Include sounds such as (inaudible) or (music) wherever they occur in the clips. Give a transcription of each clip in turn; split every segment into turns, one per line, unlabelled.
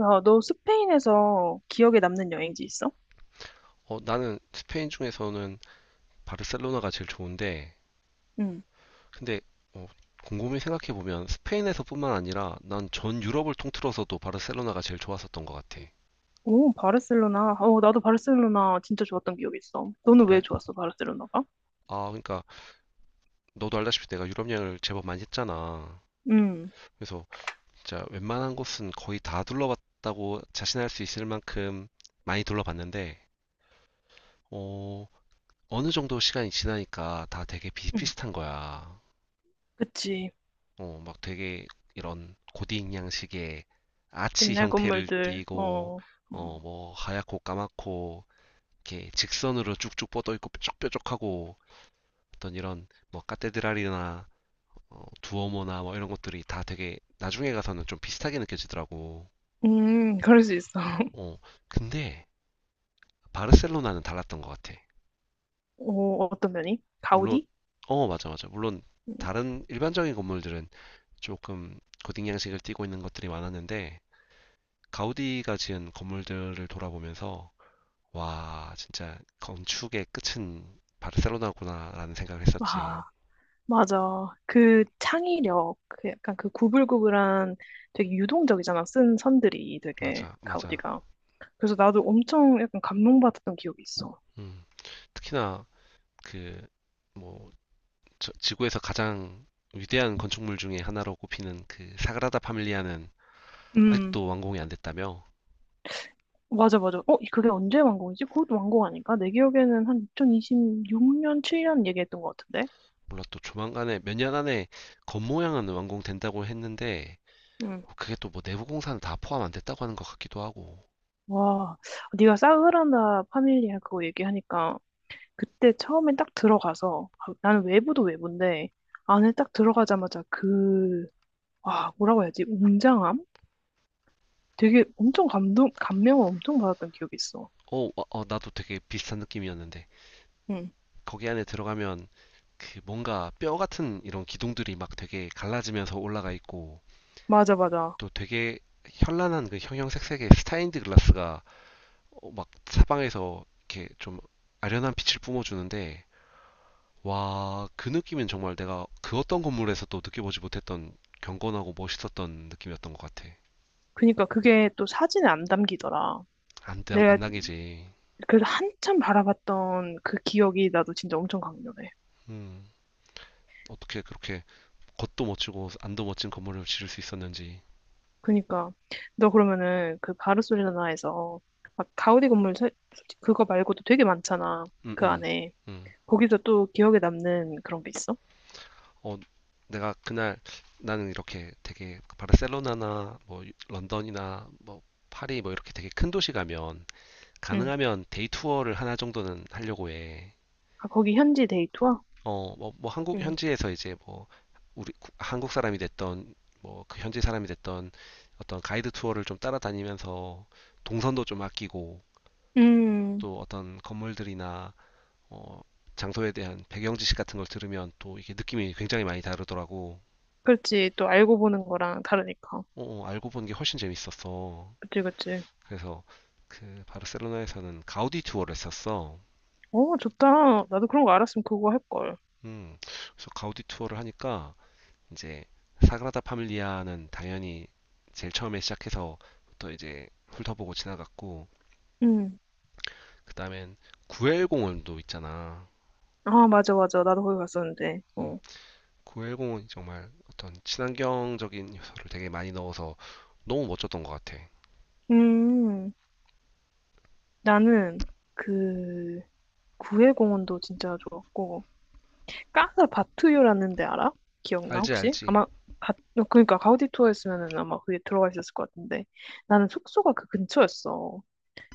야, 너 스페인에서 기억에 남는 여행지 있어?
나는 스페인 중에서는 바르셀로나가 제일 좋은데,
응.
근데 어, 곰곰이 생각해보면 스페인에서뿐만 아니라 난 전 유럽을 통틀어서도 바르셀로나가 제일 좋았었던 것 같아.
오, 바르셀로나. 나도 바르셀로나 진짜 좋았던 기억이 있어. 너는 왜
그래?
좋았어, 바르셀로나가?
아, 그러니까 너도 알다시피 내가 유럽 여행을 제법 많이 했잖아.
응.
그래서 진짜 웬만한 곳은 거의 다 둘러봤다고 자신할 수 있을 만큼 많이 둘러봤는데, 어, 어느 정도 시간이 지나니까 다 되게
응.
비슷비슷한 거야.
그치.
막 되게 이런 고딩 양식의 아치
옛날
형태를
건물들,
띠고,
어, 음,
뭐 하얗고 까맣고, 이렇게 직선으로 쭉쭉 뻗어 있고 뾰족뾰족하고 어떤 이런 뭐 카테드랄이나 두오모나 뭐 이런 것들이 다 되게 나중에 가서는 좀 비슷하게 느껴지더라고.
그럴 수 있어. (laughs)
어, 근데 바르셀로나는 달랐던 것 같아.
오, 어떤 면이?
물론,
가우디?
맞아, 맞아. 물론
음.
다른 일반적인 건물들은 조금 고딩 양식을 띠고 있는 것들이 많았는데, 가우디가 지은 건물들을 돌아보면서 와, 진짜 건축의 끝은 바르셀로나구나라는 생각을 했었지.
아, 맞아. 그 창의력, 그 약간 그 구불구불한 되게 유동적이잖아. 쓴 선들이 되게
맞아, 맞아.
가우디가. 그래서 나도 엄청 약간 감동받았던 기억이 있어.
음, 특히나 그 뭐 지구에서 가장 위대한 건축물 중에 하나로 꼽히는 그 사그라다 파밀리아는
음.
아직도 완공이 안 됐다며?
맞아, 맞아. 어, 그게 언제 완공이지? 그것도 완공 아닌가? 내 기억에는 한 2026년, 7년 얘기했던 것 같은데?
몰라 또 조만간에 몇 년 안에 겉모양은 완공된다고 했는데
응.
그게 또 뭐 내부 공사는 다 포함 안 됐다고 하는 것 같기도 하고.
와, 네가 사그라나 파밀리아 그거 얘기하니까 그때 처음에 딱 들어가서 아, 나는 외부도 외부인데 안에 딱 들어가자마자 그, 와, 뭐라고 해야지? 웅장함? 되게 엄청 감동, 감명을 엄청 받았던 기억이 있어.
나도 되게 비슷한 느낌이었는데.
응.
거기 안에 들어가면 그 뭔가 뼈 같은 이런 기둥들이 막 되게 갈라지면서 올라가 있고
맞아, 맞아.
또 되게 현란한 그 형형색색의 스타인드 글라스가 막 사방에서 이렇게 좀 아련한 빛을 뿜어주는데 와, 그 느낌은 정말 내가 그 어떤 건물에서도 느껴보지 못했던 경건하고 멋있었던 느낌이었던 것 같아.
그니까 그게 또 사진에 안 담기더라. 내가
안 당이지.
그래서 한참 바라봤던 그 기억이 나도 진짜 엄청 강렬해.
음, 어떻게 그렇게 겉도 멋지고 안도 멋진 건물을 지을 수 있었는지.
그니까 너 그러면은 그 바르셀로나에서 막 가우디 건물 세- 솔직히 그거 말고도 되게 많잖아
음,
그
음,
안에
음.
거기서 또 기억에 남는 그런 게 있어?
어, 내가 그날 나는 이렇게 되게 그 바르셀로나나 뭐 런던이나 뭐 파리 뭐 이렇게 되게 큰 도시 가면
응.
가능하면 데이 투어를 하나 정도는 하려고 해.
아 거기 현지 데이트와?
뭐 한국
응.
현지에서 이제 뭐 한국 사람이 됐던 뭐 그 현지 사람이 됐던 어떤 가이드 투어를 좀 따라다니면서 동선도 좀 아끼고
음.
또 어떤 건물들이나 어, 장소에 대한 배경 지식 같은 걸 들으면 또 이게 느낌이 굉장히 많이 다르더라고.
그렇지 또 알고 보는 거랑 다르니까.
어, 어, 알고 본 게 훨씬 재밌었어.
그치 그치.
그래서 그 바르셀로나에서는 가우디 투어를 했었어.
어 좋다. 나도 그런 거 알았으면 그거 할 걸.
그래서 가우디 투어를 하니까 이제 사그라다 파밀리아는 당연히 제일 처음에 시작해서 또 이제 훑어보고 지나갔고
응.
그다음엔 구엘공원도 있잖아.
아 맞아 맞아 나도 거기 갔었는데.
음,
어.
구엘공원이 정말 어떤 친환경적인 요소를 되게 많이 넣어서 너무 멋졌던 것 같아.
음. 나는 그 구해공원도 진짜 좋았고. 까나 바투유라는 데 알아? 기억나
알지,
혹시?
알지.
아마 가, 그러니까 가우디 투어 였으면은 아마 그게 들어가 있었을 것 같은데 나는 숙소가 그 근처였어.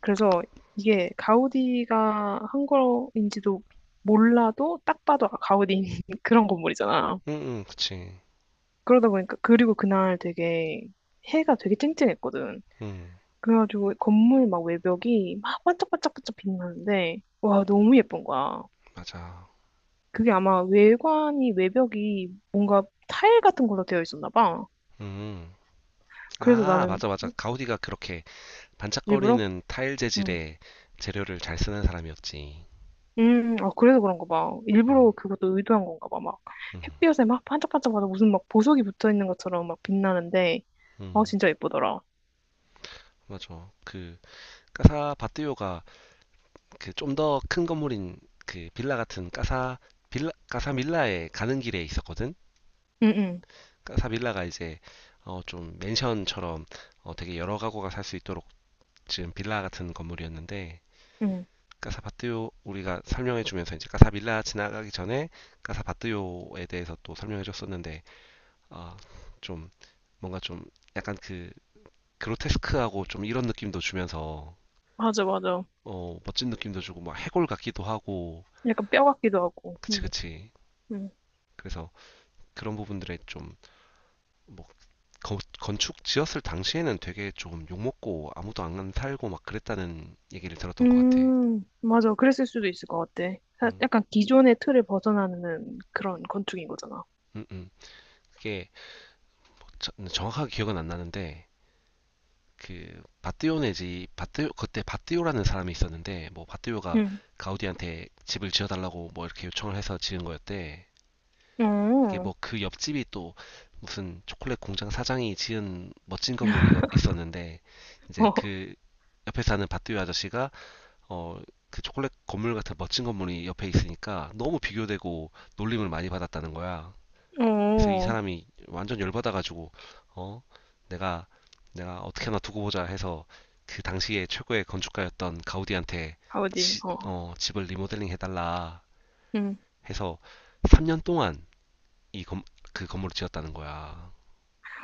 그래서 이게 가우디가 한 거인지도 몰라도 딱 봐도 아, 가우디인 (laughs) 그런 건물이잖아.
응, 응, 그치.
그러다 보니까 그리고 그날 되게 해가 되게 쨍쨍했거든.
응,
그래가지고 건물 막 외벽이 막 반짝반짝반짝 빛나는데 와 너무 예쁜 거야.
맞아.
그게 아마 외관이, 외벽이 뭔가 타일 같은 걸로 되어 있었나 봐.
음.
그래서
아,
나는
맞아, 맞아. 가우디가 그렇게
일부러?
반짝거리는 타일
응.
재질의 재료를 잘 쓰는 사람이었지.
아, 그래서 그런가 봐. 일부러
음,
그것도 의도한 건가 봐. 막
음,
햇볕에 막 반짝반짝하다 무슨 막 보석이 붙어 있는 것처럼 막 빛나는데, 아,
음,
진짜 예쁘더라.
맞아. 그 까사 바띠오가 그 좀 더 큰 건물인 그 빌라 같은 까사 빌라 까사 밀라에 가는 길에 있었거든.
응, 응,
까사 밀라가 이제 좀 맨션처럼 되게 여러 가구가 살 수 있도록 지금 빌라 같은 건물이었는데
응.
까사 바띠오 우리가 설명해 주면서 이제 까사 밀라 지나가기 전에 까사 바띠오에 대해서 또 설명해 줬었는데 아, 좀 뭔가 좀 약간 그 그로테스크하고 좀 이런 느낌도 주면서
맞아, 맞아.
멋진 느낌도 주고 막 해골 같기도 하고
약간 뼈 같기도 하고.
그치
응,
그치.
응.
그래서 그런 부분들에 좀 건축 지었을 당시에는 되게 좀 욕먹고 아무도 안 살고 막 그랬다는 얘기를 들었던 것 같아.
맞아. 그랬을 수도 있을 것 같아. 사-
음,
약간 기존의 틀을 벗어나는 그런 건축인 거잖아.
음, 음. 그게 정확하게 기억은 안 나는데 그 바띠오 네지 바띠 그때 바띠오라는 사람이 있었는데 뭐 바띠오가
응.
가우디한테 집을 지어달라고 뭐 이렇게 요청을 해서 지은 거였대. 이게
어,
뭐 그 옆집이 또 무슨 초콜릿 공장 사장이 지은 멋진 건물이 있었는데 이제 그
(laughs)
옆에 사는 밭두유 아저씨가 어 그 초콜릿 건물 같은 멋진 건물이 옆에 있으니까 너무 비교되고 놀림을 많이 받았다는 거야. 그래서 이
어,
사람이 완전 열받아가지고 어 내가 어떻게 하나 두고 보자 해서 그 당시에 최고의 건축가였던 가우디한테
어디? 어.
집을 리모델링 해달라
음.
해서 3년 동안 이 건, 그 건물을 지었다는 거야.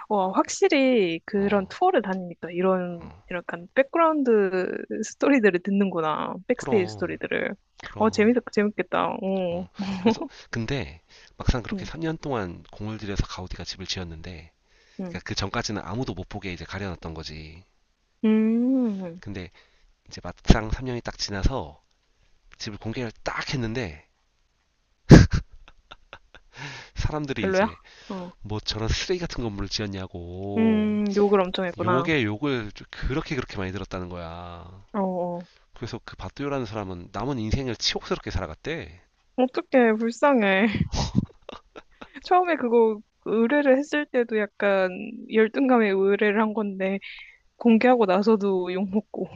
와, 확실히 그런
어,
투어를 다니니까 이런
어.
약간 백그라운드 스토리들을 듣는구나. 백스테이지
그럼,
스토리들을. 어,
그럼.
재밌, 재밌겠다. 어.
어. 그래서 근데 막상 그렇게
음.
3년 동안 공을 들여서 가우디가 집을 지었는데 그러니까
음.
그 전까지는 아무도 못 보게 이제 가려놨던 거지.
음.
근데 이제 막상 3년이 딱 지나서 집을 공개를 딱 했는데 사람들이
별로야?
이제
어.
뭐 저런 쓰레기 같은 건물을 지었냐고
욕을 엄청 했구나.
욕에 욕을 그렇게 그렇게 많이 들었다는 거야.
어. 어.
그래서 그 바뚜요라는 사람은 남은 인생을 치욕스럽게 살아갔대.
어떡해, 불쌍해. (laughs) 처음에 그거 의뢰를 했을 때도 약간 열등감에 의뢰를 한 건데 공개하고 나서도 욕먹고.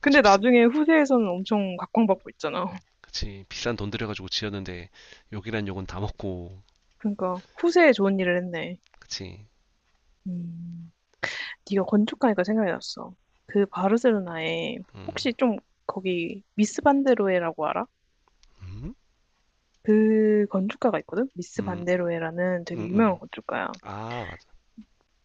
근데
그치,
나중에 후세에서는 엄청 각광받고 있잖아.
그치. 비싼 돈 들여가지고 지었는데 욕이란 욕은 다 먹고.
그러니까 후세에 좋은 일을 했네.
그치.
음, 네가 건축하니까 생각이 났어. 그 바르셀로나에 혹시 좀 거기 미스 반데로에라고 알아?
음?
그 건축가가 있거든? 미스
음,
반데로에라는
음,
되게 유명한
음.
건축가야.
아, 맞아.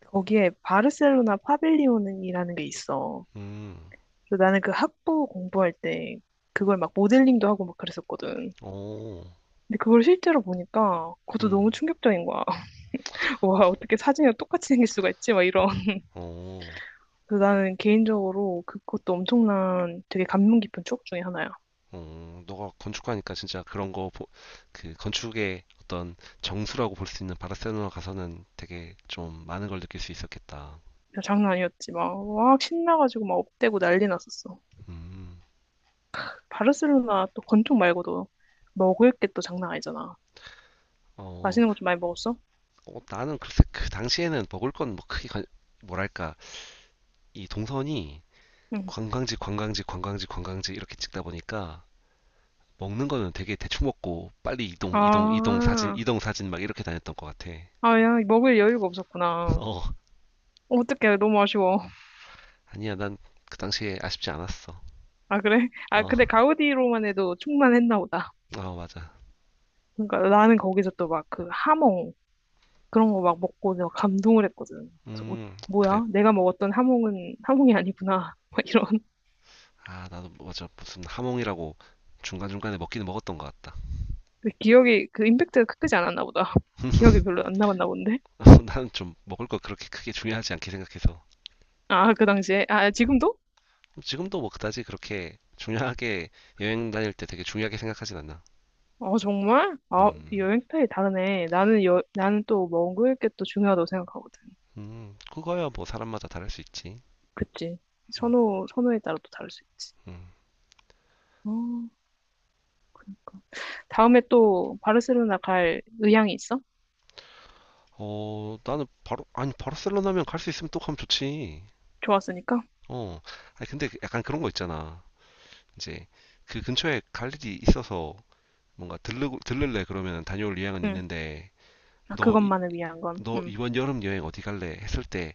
거기에 바르셀로나 파빌리온이라는 게 있어.
음,
그래서 나는 그 학부 공부할 때 그걸 막 모델링도 하고 막 그랬었거든.
오,
근데 그걸 실제로 보니까 그것도
음,
너무 충격적인 거야. (laughs) 와, 어떻게 사진이랑 똑같이 생길 수가 있지? 막 이런.
오,
그래서 나는 개인적으로 그- 그것도 엄청난 되게 감명 깊은 추억 중에 하나야.
오. 너가 건축가니까 진짜 그런 거, 그 건축의 어떤 정수라고 볼 수 있는 바르셀로나 가서는 되게 좀 많은 걸 느낄 수 있었겠다.
야, 장난 아니었지. 막, 막 신나가지고 막 업대고 난리 났었어.
음,
그 바르셀로나 또 건축 말고도 먹을 게 또 장난 아니잖아.
어,
맛있는 거 좀 많이 먹었어?
어, 나는 글쎄 그 당시에는 먹을 건 뭐 크게, 뭐랄까, 이 동선이
응.
관광지, 관광지, 관광지, 관광지 이렇게 찍다 보니까 먹는 거는 되게 대충 먹고 빨리 이동, 이동, 이동, 사진,
아,
이동, 사진 막 이렇게 다녔던 것 같아.
아, 야, 먹을 여유가
(laughs)
없었구나.
어,
어떡해, 너무 아쉬워.
아니야, 난 그 당시에 아쉽지 않았어.
아, 그래? 아,
어,
근데 가우디로만 해도 충만했나 보다.
어, 맞아.
그러니까 나는 거기서 또 막 그 하몽, 그런 거 막 먹고 내가 감동을 했거든. 그래서 어,
그래.
뭐야? 내가 먹었던 하몽은 하몽이 아니구나. (laughs) 막 이런.
아, 나도 맞아. 무슨 하몽이라고 중간중간에 먹기는 먹었던 것 같다.
근데 기억이 그 임팩트가 크지 않았나 보다. (laughs) 기억이
(laughs)
별로 안 남았나 본데.
나는 좀 먹을 거 그렇게 크게 중요하지 않게 생각해서.
아, 그 당시에. 아, 지금도?
지금도 뭐 그다지 그렇게 중요하게 여행 다닐 때 되게 중요하게 생각하진 않나
어, 정말? 아,
음,
여행 스타일이 다르네. 나는 여, 나는 또 먹을 게 또 중요하다고 생각하거든.
그거야 뭐 사람마다 다를 수 있지.
그치? 선호, 선호에 따라 또 다를 수 있지.
음.
어, 그러니까. 다음에 또 바르셀로나 갈 의향이 있어?
어, 나는 아니, 바르셀로나면 갈 수 있으면 또 가면 좋지.
좋았으니까?
어, 아니, 근데 그 약간 그런 거 있잖아. 이제 그 근처에 갈 일이 있어서 뭔가 들를래 그러면 다녀올 의향은
응.
있는데,
아,
너, 이-
그것만을 위한 건.
너
응.
이번 여름 여행 어디 갈래? 했을 때,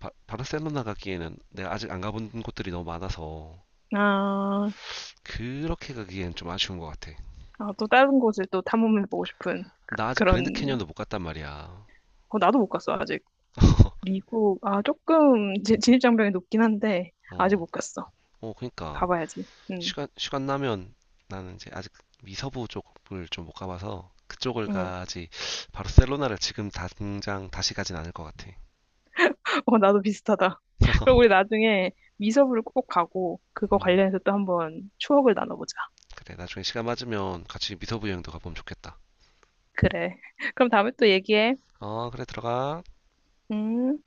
바르셀로나 가기에는 내가 아직 안 가본 곳들이 너무 많아서,
아,
그렇게 가기엔 좀 아쉬운 것 같아.
아, 또 다른 곳을 또 탐험해보고 싶은 그-
나 아직 그랜드
그런,
캐니언도 못 갔단 말이야.
어, 나도 못 갔어, 아직.
(laughs)
미국, 아, 조금 지- 진입장벽이 높긴 한데, 아직
어,
못 갔어.
어, 그니까.
가봐야지. 응,
시간 나면 나는 이제 아직 미서부 쪽을 좀 못 가봐서 그쪽을
응.
가지 바르셀로나를 지금 당장 다시 가진 않을 것 같아.
(laughs) 어, 나도 비슷하다. 그럼 우리
(laughs)
나중에 미서부를 꼭 가고, 그거
음,
관련해서 또 한번 추억을 나눠보자.
그래, 나중에 시간 맞으면 같이 미서부 여행도 가보면 좋겠다.
그래. (laughs) 그럼 다음에 또 얘기해.
어, 그래, 들어가.
음.